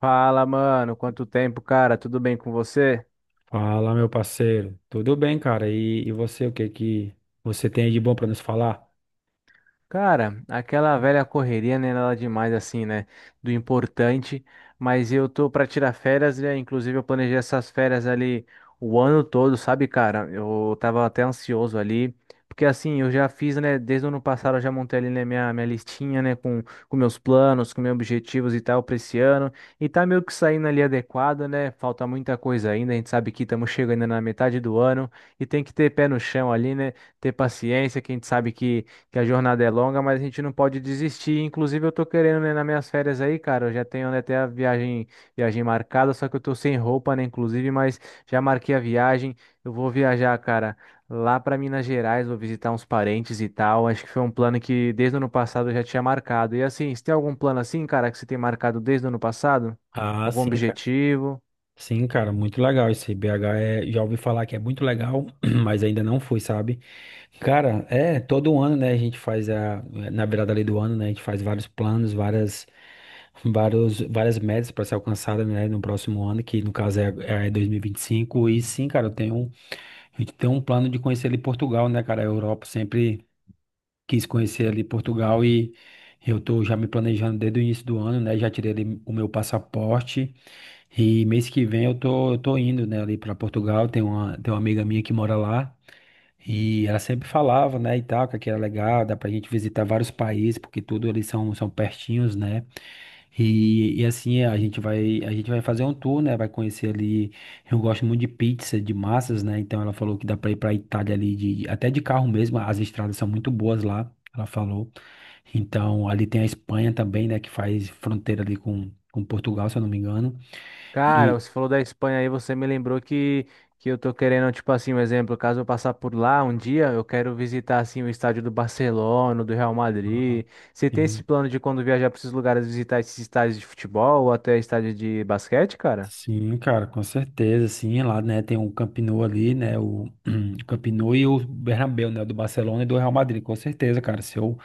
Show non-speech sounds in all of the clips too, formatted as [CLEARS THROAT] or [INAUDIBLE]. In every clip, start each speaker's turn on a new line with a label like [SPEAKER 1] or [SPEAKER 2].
[SPEAKER 1] Fala, mano. Quanto tempo, cara? Tudo bem com você?
[SPEAKER 2] Fala, meu parceiro. Tudo bem, cara? E você, o que que você tem aí de bom pra nos falar?
[SPEAKER 1] Cara, aquela velha correria, né, nada demais assim, né, do importante, mas eu tô pra tirar férias, né, inclusive eu planejei essas férias ali o ano todo, sabe, cara? Eu tava até ansioso ali, porque assim, eu já fiz, né, desde o ano passado eu já montei ali, né, minha listinha, né, com meus planos, com meus objetivos e tal pra esse ano, e tá meio que saindo ali adequado, né, falta muita coisa ainda, a gente sabe que estamos chegando na metade do ano, e tem que ter pé no chão ali, né, ter paciência, que a gente sabe que a jornada é longa, mas a gente não pode desistir. Inclusive, eu tô querendo, né, nas minhas férias aí, cara, eu já tenho, né, até a viagem, viagem marcada, só que eu tô sem roupa, né, inclusive, mas já marquei a viagem. Eu vou viajar, cara, lá para Minas Gerais, vou visitar uns parentes e tal. Acho que foi um plano que desde o ano passado eu já tinha marcado. E assim, você tem algum plano assim, cara, que você tem marcado desde o ano passado?
[SPEAKER 2] Ah,
[SPEAKER 1] Algum
[SPEAKER 2] sim, cara.
[SPEAKER 1] objetivo?
[SPEAKER 2] Sim, cara, muito legal esse BH já ouvi falar que é muito legal, [CLEARS THROAT] mas ainda não fui, sabe? Cara, todo ano, né, a gente faz na virada ali do ano, né, a gente faz vários planos, várias metas para ser alcançada, né, no próximo ano, que no caso é 2025, e vinte e cinco. E sim, cara, a gente tem um plano de conhecer ali Portugal, né, cara, a Europa sempre quis conhecer ali Portugal e eu tô já me planejando desde o início do ano, né? Já tirei ali o meu passaporte e mês que vem eu tô indo, né, ali para Portugal. Tem uma amiga minha que mora lá. E ela sempre falava, né, e tal, que aqui era legal, dá pra gente visitar vários países, porque tudo ali são pertinhos, né? E assim, a gente vai fazer um tour, né? Vai conhecer ali. Eu gosto muito de pizza, de massas, né? Então ela falou que dá pra ir pra Itália ali, até de carro mesmo, as estradas são muito boas lá, ela falou. Então ali tem a Espanha também, né, que faz fronteira ali com Portugal, se eu não me engano.
[SPEAKER 1] Cara,
[SPEAKER 2] E.
[SPEAKER 1] você falou da Espanha aí, você me lembrou que eu tô querendo, tipo assim, um exemplo, caso eu passar por lá um dia, eu quero visitar, assim, o estádio do Barcelona, do Real
[SPEAKER 2] Ah,
[SPEAKER 1] Madrid. Você tem esse
[SPEAKER 2] sim.
[SPEAKER 1] plano de quando viajar para esses lugares, visitar esses estádios de futebol ou até estádio de basquete, cara?
[SPEAKER 2] Sim, cara, com certeza, sim, lá, né, tem o Camp Nou ali, né, o [CLEARS THROAT] Camp Nou e o Bernabéu, né, do Barcelona e do Real Madrid, com certeza, cara,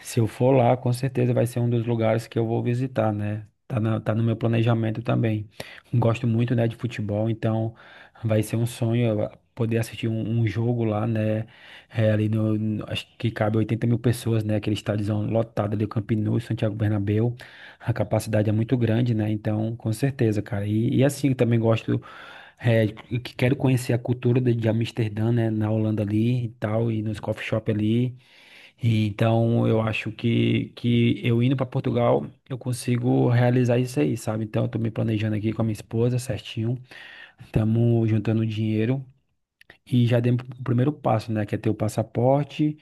[SPEAKER 2] se eu for lá, com certeza vai ser um dos lugares que eu vou visitar, né, tá no meu planejamento também, gosto muito, né, de futebol, então vai ser um sonho eu poder assistir um jogo lá, né, ali acho que cabe 80 mil pessoas, né, aquele estádiozão lotado ali, o Camp Nou e o Santiago Bernabéu, a capacidade é muito grande, né? Então, com certeza, cara. E assim, eu também gosto, que quero conhecer a cultura de Amsterdã, né? Na Holanda ali e tal, e nos coffee shop ali. E, então, eu acho que eu indo para Portugal, eu consigo realizar isso aí, sabe? Então, eu tô me planejando aqui com a minha esposa, certinho. Estamos juntando dinheiro e já demos o primeiro passo, né? Que é ter o passaporte.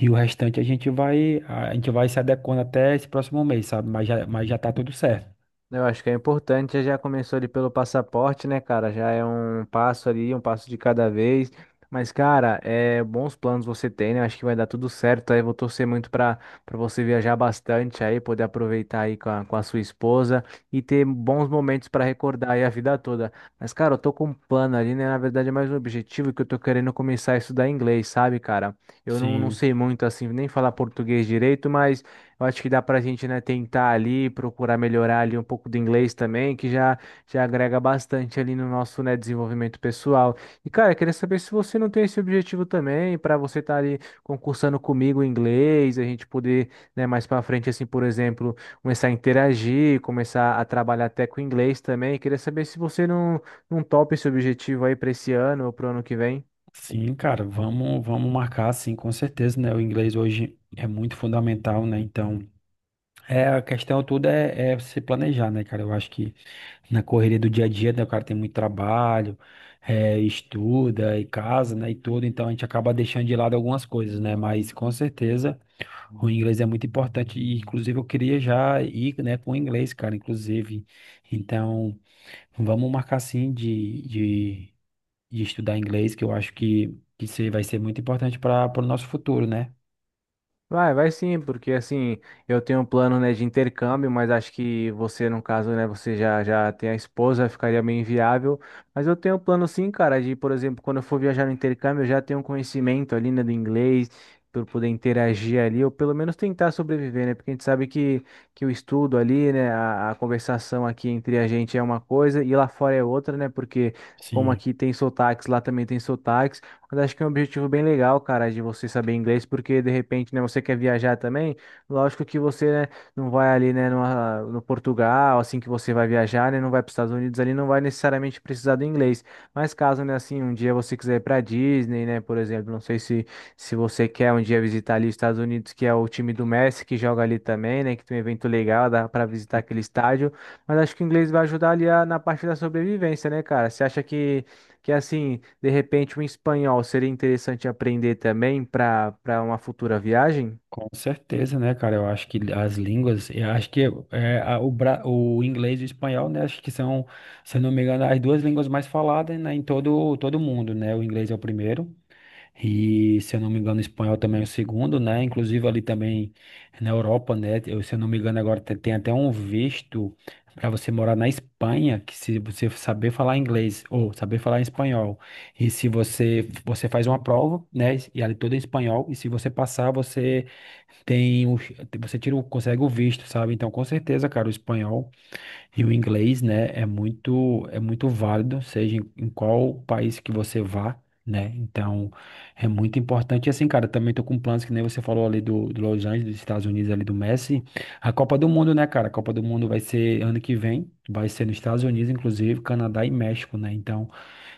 [SPEAKER 2] E o restante a gente vai se adequando até esse próximo mês, sabe? Mas já tá tudo certo.
[SPEAKER 1] Eu acho que é importante, já começou ali pelo passaporte, né, cara? Já é um passo ali, um passo de cada vez. Mas, cara, é bons planos você tem, né? Acho que vai dar tudo certo. Aí vou torcer muito para você viajar bastante aí, poder aproveitar aí com a sua esposa e ter bons momentos para recordar aí a vida toda. Mas, cara, eu tô com um plano ali, né? Na verdade, é mais um objetivo que eu tô querendo começar a estudar inglês, sabe, cara? Eu não
[SPEAKER 2] Sim,
[SPEAKER 1] sei muito assim, nem falar português direito, mas eu acho que dá pra gente, né, tentar ali, procurar melhorar ali um pouco do inglês também, que já agrega bastante ali no nosso, né, desenvolvimento pessoal. E, cara, eu queria saber se você não tem esse objetivo também, para você estar ali concursando comigo em inglês, a gente poder, né, mais pra frente, assim, por exemplo, começar a interagir, começar a trabalhar até com inglês também. Eu queria saber se você não topa esse objetivo aí para esse ano ou pro ano que vem.
[SPEAKER 2] sim, cara, vamos marcar, sim, com certeza, né? O inglês hoje é muito fundamental, né? Então, a questão tudo é se planejar, né, cara? Eu acho que na correria do dia a dia, né, o cara tem muito trabalho, estuda e casa, né, e tudo, então a gente acaba deixando de lado algumas coisas, né? Mas com certeza o inglês é muito importante e, inclusive, eu queria já ir, né, com o inglês, cara, inclusive. Então, vamos marcar, sim, de estudar inglês, que eu acho que isso vai ser muito importante para o nosso futuro, né?
[SPEAKER 1] Vai, vai sim, porque assim, eu tenho um plano, né, de intercâmbio, mas acho que você, no caso, né, você já tem a esposa, ficaria meio inviável. Mas eu tenho um plano sim, cara, de, por exemplo, quando eu for viajar no intercâmbio, eu já tenho um conhecimento ali, né, do inglês, para poder interagir ali, ou pelo menos tentar sobreviver, né, porque a gente sabe que o estudo ali, né, a conversação aqui entre a gente é uma coisa e lá fora é outra, né, porque como
[SPEAKER 2] Sim.
[SPEAKER 1] aqui tem sotaques, lá também tem sotaques. Mas acho que é um objetivo bem legal, cara, de você saber inglês, porque de repente, né, você quer viajar também. Lógico que você, né, não vai ali, né, no Portugal, assim que você vai viajar, né, não vai para os Estados Unidos ali, não vai necessariamente precisar do inglês. Mas caso, né, assim, um dia você quiser ir para Disney, né, por exemplo, não sei se você quer um dia visitar ali os Estados Unidos, que é o time do Messi que joga ali também, né, que tem um evento legal, dá para visitar aquele estádio. Mas acho que o inglês vai ajudar ali a- na parte da sobrevivência, né, cara? Você acha que assim, de repente um espanhol seria interessante aprender também para uma futura viagem?
[SPEAKER 2] Com certeza, né, cara? Eu acho que as línguas, eu acho que o inglês e o espanhol, né? Acho que são, se eu não me engano, as duas línguas mais faladas, né, em todo mundo, né? O inglês é o primeiro. E, se eu não me engano, o espanhol também é o segundo, né? Inclusive ali também na Europa, né? Eu, se eu não me engano, tem até um visto para você morar na Espanha, que se você saber falar inglês ou saber falar espanhol, e se você faz uma prova, né? E ali tudo em espanhol, e se você passar, você tem você tira, consegue o visto, sabe? Então, com certeza, cara, o espanhol e o inglês, né, é muito válido, seja em, em qual país que você vá, né? Então, é muito importante. E assim, cara, também tô com planos que nem você falou ali do, do Los Angeles, dos Estados Unidos, ali do Messi. A Copa do Mundo, né, cara? A Copa do Mundo vai ser ano que vem, vai ser nos Estados Unidos, inclusive, Canadá e México, né? Então,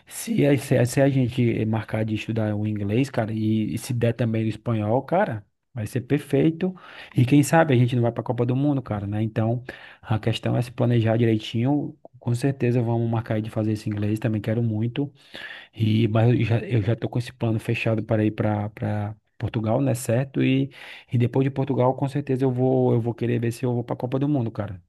[SPEAKER 2] se a gente marcar de estudar o inglês, cara, e se der também o espanhol, cara, vai ser perfeito. E quem sabe a gente não vai para a Copa do Mundo, cara, né? Então, a questão é se planejar direitinho. Com certeza vamos marcar aí de fazer esse inglês, também quero muito. E, mas eu já tô com esse plano fechado para ir para Portugal, né? Certo? E depois de Portugal, com certeza eu vou querer ver se eu vou para a Copa do Mundo, cara.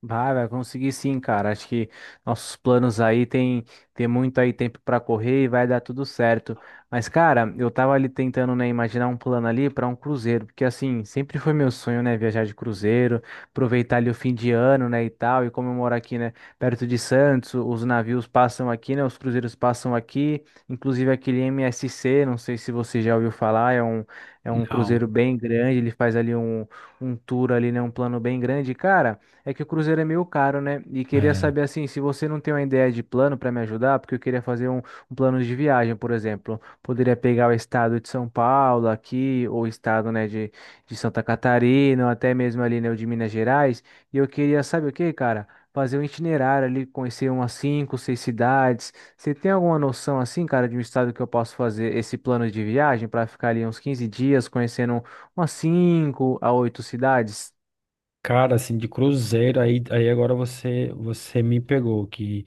[SPEAKER 1] Vai, vai conseguir sim, cara. Acho que nossos planos aí tem muito aí tempo pra correr e vai dar tudo certo. Mas, cara, eu tava ali tentando, né, imaginar um plano ali pra um cruzeiro, porque assim, sempre foi meu sonho, né, viajar de cruzeiro, aproveitar ali o fim de ano, né, e tal, e como eu moro aqui, né, perto de Santos, os navios passam aqui, né, os cruzeiros passam aqui, inclusive aquele MSC, não sei se você já ouviu falar, é um
[SPEAKER 2] Não.
[SPEAKER 1] cruzeiro bem grande, ele faz ali um tour ali, né, um plano bem grande, cara. É que o cruzeiro é meio caro, né? E queria
[SPEAKER 2] É.
[SPEAKER 1] saber assim, se você não tem uma ideia de plano para me ajudar, porque eu queria fazer um plano de viagem, por exemplo. Poderia pegar o estado de São Paulo aqui, ou o estado, né, de Santa Catarina, ou até mesmo ali, né, o de Minas Gerais. E eu queria, sabe o que, cara? Fazer um itinerário ali, conhecer umas cinco, seis cidades. Você tem alguma noção assim, cara, de um estado que eu posso fazer esse plano de viagem para ficar ali uns 15 dias conhecendo umas cinco a oito cidades?
[SPEAKER 2] Cara, assim, de cruzeiro, aí agora você me pegou, que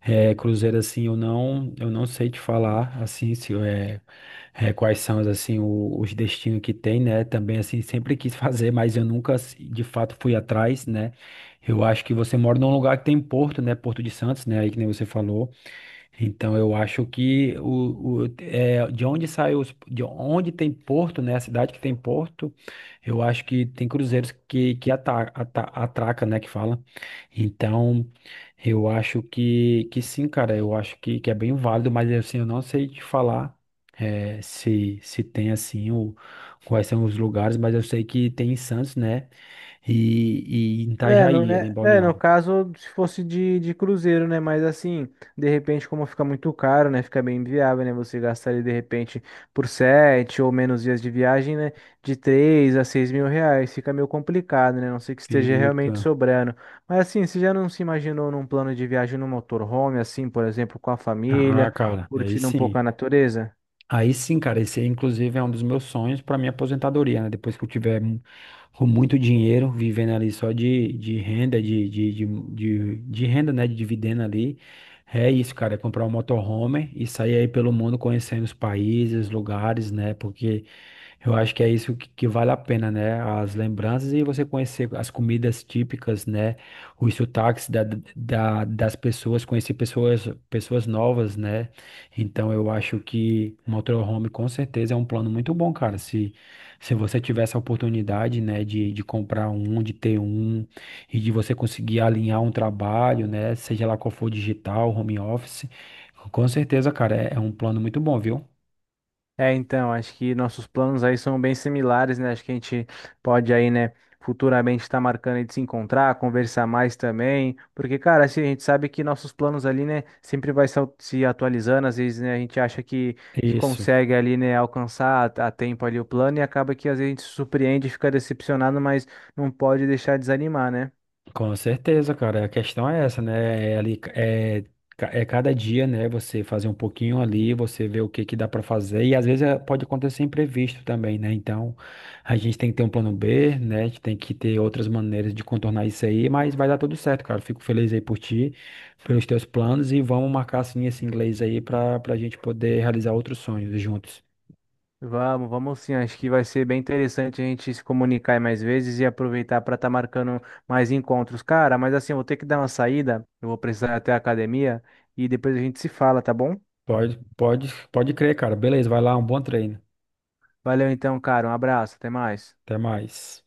[SPEAKER 2] cruzeiro, assim, eu não sei te falar, assim, se é, é, quais são, assim, os destinos que tem, né, também, assim, sempre quis fazer, mas eu nunca, assim, de fato, fui atrás, né, eu acho que você mora num lugar que tem porto, né, Porto de Santos, né, aí que nem você falou, então eu acho que de onde de onde tem porto, né? A cidade que tem porto, eu acho que tem cruzeiros que atraca, né? Que fala. Então eu acho que sim, cara. Eu acho que é bem válido, mas assim eu não sei te falar se se tem assim o quais são os lugares, mas eu sei que tem em Santos, né? E em
[SPEAKER 1] É, no,
[SPEAKER 2] Itajaí, ali em
[SPEAKER 1] né? É, no
[SPEAKER 2] Balneário.
[SPEAKER 1] caso, se fosse de cruzeiro, né? Mas assim, de repente, como fica muito caro, né? Fica bem inviável, né? Você gastar ali, de repente, por sete ou menos dias de viagem, né? De R$ 3 a 6 mil. Fica meio complicado, né? A não ser que esteja realmente
[SPEAKER 2] Fica.
[SPEAKER 1] sobrando. Mas assim, você já não se imaginou num plano de viagem no motorhome, assim, por exemplo, com a
[SPEAKER 2] Ah,
[SPEAKER 1] família,
[SPEAKER 2] cara, aí
[SPEAKER 1] curtindo um pouco
[SPEAKER 2] sim.
[SPEAKER 1] a natureza?
[SPEAKER 2] Aí sim, cara, esse aí, inclusive é um dos meus sonhos para minha aposentadoria, né? Depois que com muito dinheiro, vivendo ali só de renda, né? De dividendo ali. É isso, cara, é comprar um motorhome e sair aí pelo mundo conhecendo os países, lugares, né? Porque eu acho que é isso que vale a pena, né? As lembranças e você conhecer as comidas típicas, né? Os sotaques das pessoas, conhecer pessoas, pessoas novas, né? Então eu acho que o motorhome com certeza é um plano muito bom, cara. Se você tiver essa oportunidade, né, de comprar um, de ter um, e de você conseguir alinhar um trabalho, né, seja lá qual for digital, home office, com certeza, cara, é um plano muito bom, viu?
[SPEAKER 1] É, então, acho que nossos planos aí são bem similares, né? Acho que a gente pode aí, né, futuramente estar marcando aí de se encontrar, conversar mais também, porque, cara, assim, a gente sabe que nossos planos ali, né, sempre vai se se atualizando, às vezes, né, a gente acha que
[SPEAKER 2] Isso.
[SPEAKER 1] consegue ali, né, alcançar a tempo ali o plano e acaba que às vezes a gente se surpreende e fica decepcionado, mas não pode deixar de desanimar, né?
[SPEAKER 2] Com certeza, cara. A questão é essa, né? É cada dia, né? Você fazer um pouquinho ali, você ver o que que dá pra fazer. E às vezes pode acontecer imprevisto também, né? Então a gente tem que ter um plano B, né? A gente tem que ter outras maneiras de contornar isso aí, mas vai dar tudo certo, cara. Fico feliz aí por ti, pelos teus planos e vamos marcar assim esse inglês aí pra gente poder realizar outros sonhos juntos.
[SPEAKER 1] Vamos, vamos sim. Acho que vai ser bem interessante a gente se comunicar aí mais vezes e aproveitar para estar marcando mais encontros. Cara, mas assim, eu vou ter que dar uma saída. Eu vou precisar ir até a academia e depois a gente se fala, tá bom?
[SPEAKER 2] Pode crer, cara. Beleza, vai lá, um bom treino.
[SPEAKER 1] Valeu então, cara. Um abraço. Até mais.
[SPEAKER 2] Até mais.